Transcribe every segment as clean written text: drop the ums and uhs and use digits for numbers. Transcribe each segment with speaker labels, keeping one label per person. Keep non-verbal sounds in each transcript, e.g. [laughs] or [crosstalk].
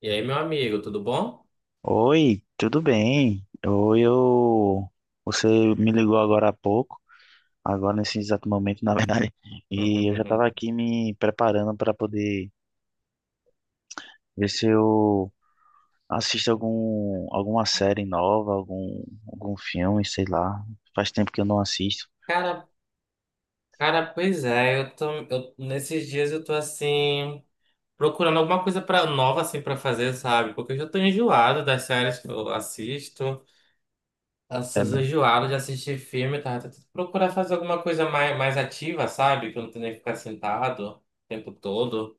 Speaker 1: E aí, meu amigo, tudo bom?
Speaker 2: Oi, tudo bem? Oi, eu... Você me ligou agora há pouco, agora nesse exato momento, na verdade, [laughs] e eu já estava
Speaker 1: [laughs]
Speaker 2: aqui me preparando para poder ver se eu assisto alguma série nova, algum filme, sei lá. Faz tempo que eu não assisto.
Speaker 1: Cara, cara, pois é, eu tô, eu, nesses dias eu tô assim, procurando alguma coisa nova assim pra fazer, sabe? Porque eu já tô enjoado das séries que eu assisto,
Speaker 2: É
Speaker 1: eu
Speaker 2: mesmo.
Speaker 1: enjoado de assistir filme, tá? Tô tentando procurar fazer alguma coisa mais, mais ativa, sabe? Que eu não tenho que ficar sentado o tempo todo.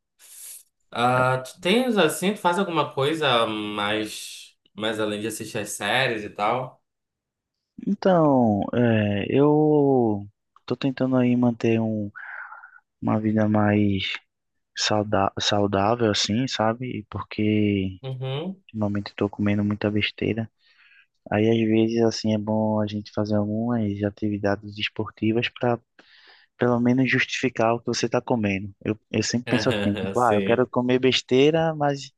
Speaker 2: É.
Speaker 1: Ah, tu tens assim, tu faz alguma coisa mais, mais além de assistir as séries e tal?
Speaker 2: Então, é, eu tô tentando aí manter uma vida mais sauda saudável, assim, sabe? Porque
Speaker 1: Uhum.
Speaker 2: ultimamente estou comendo muita besteira. Aí, às vezes, assim, é bom a gente fazer algumas atividades esportivas para, pelo menos, justificar o que você está comendo. Eu sempre penso assim,
Speaker 1: [laughs]
Speaker 2: tipo, ah, eu
Speaker 1: Sim.
Speaker 2: quero comer besteira, mas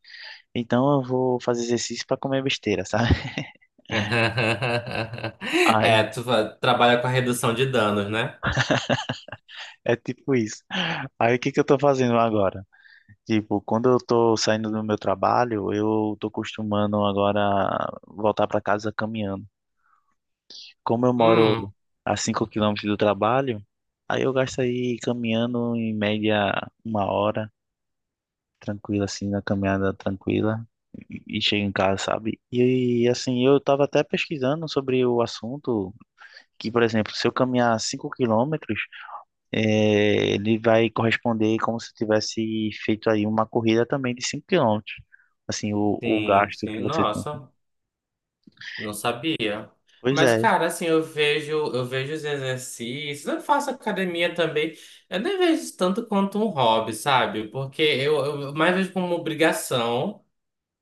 Speaker 2: então eu vou fazer exercício para comer besteira, sabe?
Speaker 1: [laughs]
Speaker 2: [laughs]
Speaker 1: É,
Speaker 2: Aí,
Speaker 1: trabalha com a redução de danos, né?
Speaker 2: é tipo isso. Aí, o que que eu estou fazendo agora? Tipo, quando eu estou saindo do meu trabalho, eu estou costumando agora voltar para casa caminhando. Como eu moro
Speaker 1: Hum,
Speaker 2: a 5 quilômetros do trabalho, aí eu gasto aí caminhando em média uma hora, tranquila, assim, na caminhada tranquila, e chego em casa, sabe? E assim, eu tava até pesquisando sobre o assunto, que, por exemplo, se eu caminhar 5 quilômetros, ele vai corresponder como se eu tivesse feito aí uma corrida também de 5 quilômetros. Assim, o
Speaker 1: sim,
Speaker 2: gasto que
Speaker 1: sim.
Speaker 2: você tem.
Speaker 1: Nossa, não sabia.
Speaker 2: Pois
Speaker 1: Mas,
Speaker 2: é.
Speaker 1: cara, assim, eu vejo os exercícios, eu faço academia também. Eu nem vejo isso tanto quanto um hobby, sabe? Porque eu mais vejo como uma obrigação.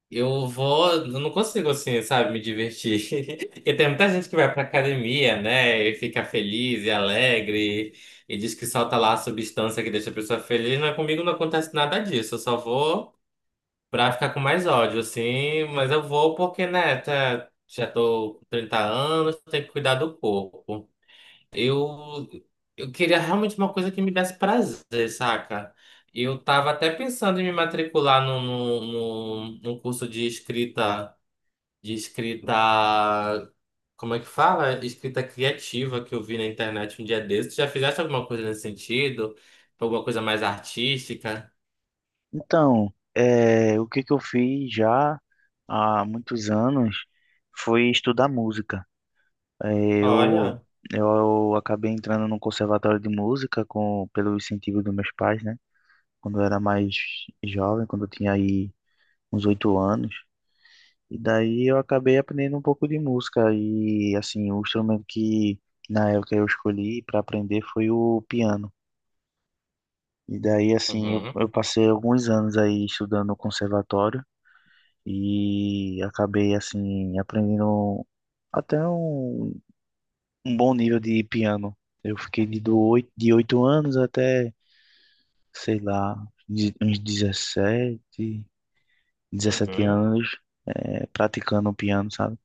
Speaker 1: Eu vou, eu não consigo assim, sabe, me divertir. [laughs] Porque tem muita gente que vai pra academia, né, e fica feliz e alegre, e diz que solta lá a substância que deixa a pessoa feliz, mas comigo não acontece nada disso. Eu só vou pra ficar com mais ódio, assim, mas eu vou porque, né, já tô com 30 anos, tenho que cuidar do corpo. Eu, eu queria realmente uma coisa que me desse prazer, saca? Eu tava até pensando em me matricular num no, no, no, num curso de escrita, como é que fala? Escrita criativa que eu vi na internet um dia desses. Já fizeste alguma coisa nesse sentido? Alguma coisa mais artística?
Speaker 2: Então, o que que eu fiz já? Há muitos anos foi estudar música. Eh, Eu,
Speaker 1: Olha.
Speaker 2: eu acabei entrando no conservatório de música com, pelo incentivo dos meus pais, né? Quando eu era mais jovem, quando eu tinha aí uns 8 anos. E daí eu acabei aprendendo um pouco de música. E assim, o instrumento que na época eu escolhi para aprender foi o piano. E daí, assim, eu,
Speaker 1: Uhum,
Speaker 2: eu passei alguns anos aí estudando no conservatório e acabei, assim, aprendendo até um bom nível de piano. Eu fiquei de oito anos até, sei lá, uns 17, 17
Speaker 1: uhum. [laughs]
Speaker 2: anos, praticando piano, sabe?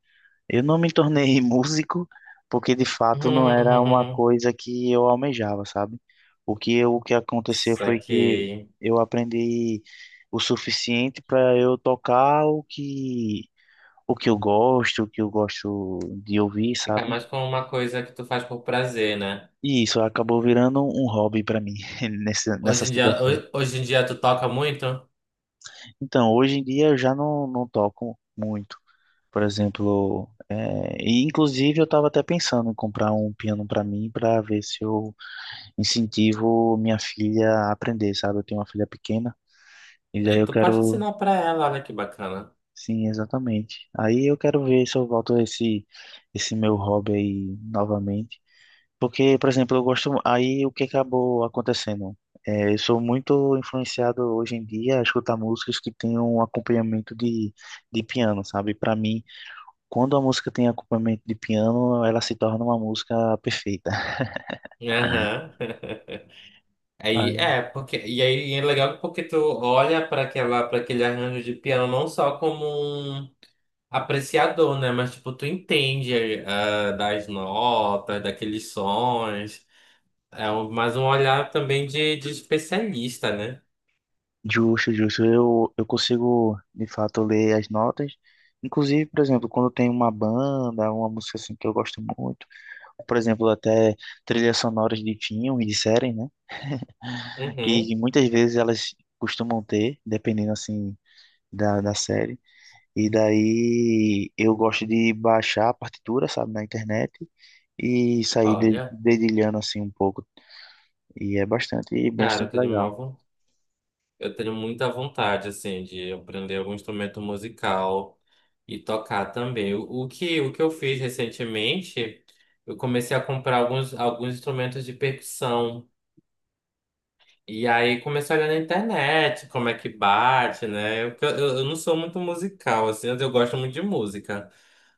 Speaker 2: Eu não me tornei [laughs] músico porque de fato não era uma
Speaker 1: Uhum.
Speaker 2: coisa que eu almejava, sabe? O que eu, o que aconteceu foi que
Speaker 1: Saquei.
Speaker 2: eu aprendi o suficiente para eu tocar o que eu gosto, o que eu gosto de ouvir,
Speaker 1: Fica
Speaker 2: sabe?
Speaker 1: mais com uma coisa que tu faz por prazer, né?
Speaker 2: E isso acabou virando um hobby para mim [laughs] nessa
Speaker 1: Hoje em dia,
Speaker 2: situação.
Speaker 1: hoje em dia tu toca muito?
Speaker 2: Então, hoje em dia eu já não, não toco muito. Por exemplo, é, e inclusive eu estava até pensando em comprar um piano para mim para ver se eu incentivo minha filha a aprender, sabe? Eu tenho uma filha pequena e daí
Speaker 1: Aí
Speaker 2: eu
Speaker 1: tu pode
Speaker 2: quero,
Speaker 1: ensinar pra ela, olha que bacana.
Speaker 2: sim, exatamente. Aí eu quero ver se eu volto a esse meu hobby aí novamente. Porque, por exemplo, eu gosto. Aí o que acabou acontecendo? É, eu sou muito influenciado hoje em dia a escutar músicas que têm um acompanhamento de piano, sabe? Para mim, quando a música tem acompanhamento de piano, ela se torna uma música perfeita.
Speaker 1: Aham. [laughs]
Speaker 2: Ah,
Speaker 1: Aí é, porque e aí é legal porque tu olha para aquela para aquele arranjo de piano não só como um apreciador, né, mas tipo tu entende ah, das notas, daqueles sons. É um, mais um olhar também de especialista, né?
Speaker 2: justo, justo. Eu consigo, de fato, ler as notas. Inclusive, por exemplo, quando tem uma banda, uma música assim que eu gosto muito, por exemplo, até trilhas sonoras de filmes, de séries, né?
Speaker 1: Uhum.
Speaker 2: Que muitas vezes elas costumam ter, dependendo assim da série. E daí eu gosto de baixar a partitura, sabe, na internet e sair
Speaker 1: Olha,
Speaker 2: dedilhando assim um pouco. E é bastante,
Speaker 1: cara,
Speaker 2: bastante legal.
Speaker 1: eu tenho muita vontade, assim, de aprender algum instrumento musical e tocar também. O que eu fiz recentemente, eu comecei a comprar alguns instrumentos de percussão. E aí comecei a olhar na internet como é que bate, né? Eu não sou muito musical, assim, eu gosto muito de música.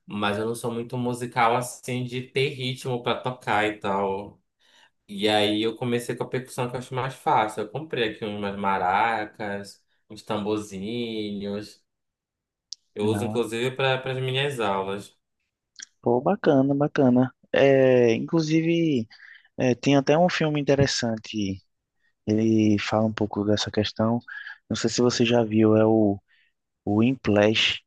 Speaker 1: Mas eu não sou muito musical, assim, de ter ritmo pra tocar e tal. E aí eu comecei com a percussão que eu acho mais fácil. Eu comprei aqui umas maracas, uns tamborzinhos. Eu uso
Speaker 2: Ah,
Speaker 1: inclusive para as minhas aulas.
Speaker 2: pô, bacana, bacana. É, inclusive, é, tem até um filme interessante. Ele fala um pouco dessa questão. Não sei se você já viu, é o Whiplash,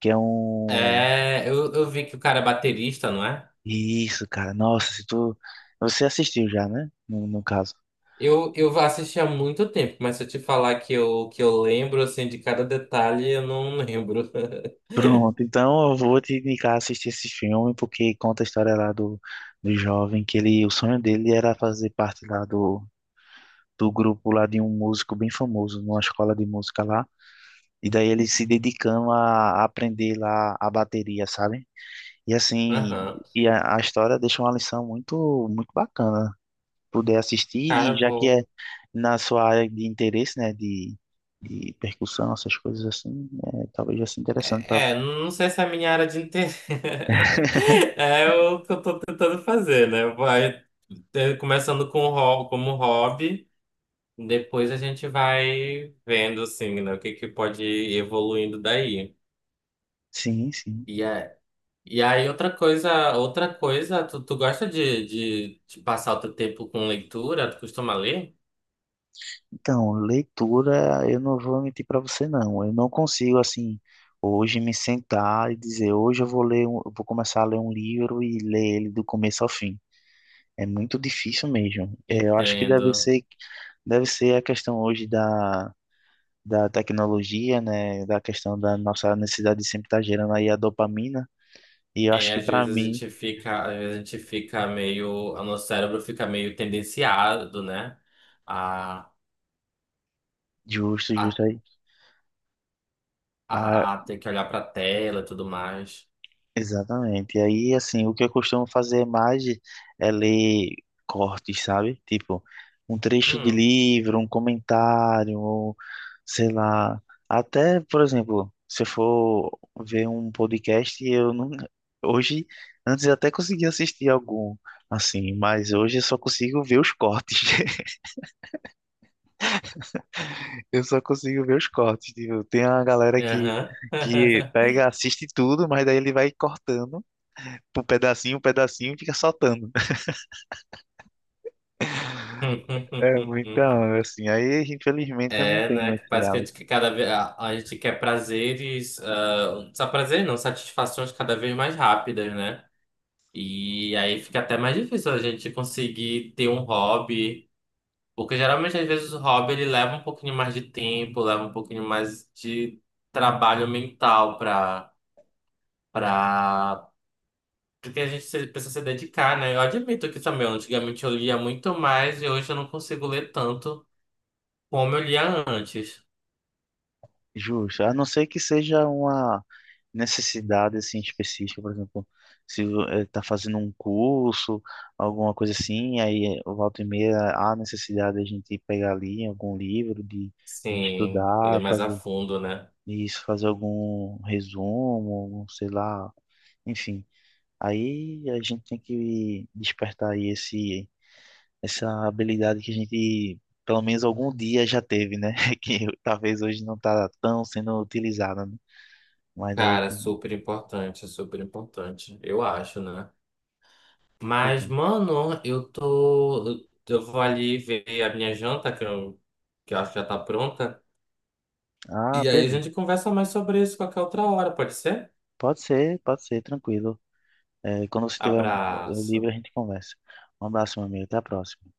Speaker 2: que é um.
Speaker 1: É, eu vi que o cara é baterista, não é?
Speaker 2: Isso, cara. Nossa, se tu. Você assistiu já, né? No caso. [laughs]
Speaker 1: Eu assisti há muito tempo, mas se eu te falar que eu lembro assim de cada detalhe, eu não lembro.
Speaker 2: Pronto, então eu vou te indicar assistir esse filme, porque conta a história lá do jovem, que ele, o sonho dele era fazer parte lá do grupo lá de um músico bem famoso, numa escola de música lá, e daí ele se dedicando a aprender lá a bateria, sabe? E
Speaker 1: [laughs]
Speaker 2: assim,
Speaker 1: Aham.
Speaker 2: e a história deixa uma lição muito, muito bacana poder assistir, e
Speaker 1: Cara,
Speaker 2: já que
Speaker 1: vou.
Speaker 2: é na sua área de interesse, né, de, percussão, essas coisas assim, é, talvez já seja interessante para
Speaker 1: É,
Speaker 2: você.
Speaker 1: não sei se é a minha área de interesse. [laughs] É o que eu tô tentando fazer, né? Vai é, começando com o como hobby. Depois a gente vai vendo, assim, né, o que que pode ir evoluindo daí.
Speaker 2: Sim, sim.
Speaker 1: E, é, e aí, outra coisa, tu gosta de passar o teu tempo com leitura? Tu costuma ler?
Speaker 2: Então, leitura, eu não vou mentir para você, não. Eu não consigo, assim, hoje me sentar e dizer, hoje eu vou ler, eu vou começar a ler um livro e ler ele do começo ao fim. É muito difícil mesmo. É, eu acho que deve
Speaker 1: Entendo.
Speaker 2: ser, deve ser a questão hoje da tecnologia, né, da questão da nossa necessidade de sempre estar gerando aí a dopamina. E eu acho
Speaker 1: É,
Speaker 2: que pra mim,
Speaker 1: às vezes a gente fica meio, o nosso cérebro fica meio tendenciado, né, a,
Speaker 2: justo,
Speaker 1: a,
Speaker 2: justo aí. Ah,
Speaker 1: a ter que olhar pra tela e tudo mais.
Speaker 2: exatamente. E aí, assim, o que eu costumo fazer mais é ler cortes, sabe? Tipo, um trecho de
Speaker 1: Hum,
Speaker 2: livro, um comentário, ou, sei lá. Até, por exemplo, se eu for ver um podcast, eu não. Hoje, antes eu até conseguia assistir algum, assim, mas hoje eu só consigo ver os cortes. [laughs] Eu só consigo ver os cortes. Tipo, tem uma galera que,
Speaker 1: aham.
Speaker 2: que pega, assiste tudo, mas daí ele vai cortando um pedacinho e fica soltando. [laughs] É,
Speaker 1: [laughs]
Speaker 2: então, assim, aí infelizmente eu não
Speaker 1: É,
Speaker 2: tenho
Speaker 1: né? Que
Speaker 2: esse
Speaker 1: parece que a gente
Speaker 2: hábito.
Speaker 1: que cada vez a gente quer prazeres, ah, só prazer não, satisfações cada vez mais rápidas, né? E aí fica até mais difícil a gente conseguir ter um hobby, porque geralmente às vezes o hobby ele leva um pouquinho mais de tempo, leva um pouquinho mais de trabalho mental para para porque a gente precisa se dedicar, né? Eu admito que também, antigamente eu lia muito mais e hoje eu não consigo ler tanto como eu lia antes.
Speaker 2: Justo. A não ser que seja uma necessidade assim específica, por exemplo, se está fazendo um curso, alguma coisa assim, aí volta e meia há necessidade de a gente pegar ali algum livro de,
Speaker 1: Sim, ele
Speaker 2: estudar,
Speaker 1: é mais a
Speaker 2: fazer
Speaker 1: fundo, né?
Speaker 2: Isso, fazer algum resumo, algum, sei lá, enfim. Aí a gente tem que despertar aí esse, essa habilidade que a gente, pelo menos algum dia já teve, né? [laughs] Que talvez hoje não tá tão sendo utilizada, né? Mas aí
Speaker 1: Cara,
Speaker 2: tem...
Speaker 1: super importante, eu acho, né?
Speaker 2: Pois
Speaker 1: Mas,
Speaker 2: é.
Speaker 1: mano, eu tô. Eu vou ali ver a minha janta, que eu acho que já tá pronta.
Speaker 2: Ah,
Speaker 1: E aí a
Speaker 2: beleza.
Speaker 1: gente conversa mais sobre isso qualquer outra hora, pode ser?
Speaker 2: Pode ser, tranquilo. É, quando você estiver livre,
Speaker 1: Abraço.
Speaker 2: a gente conversa. Um abraço, meu amigo. Até a próxima.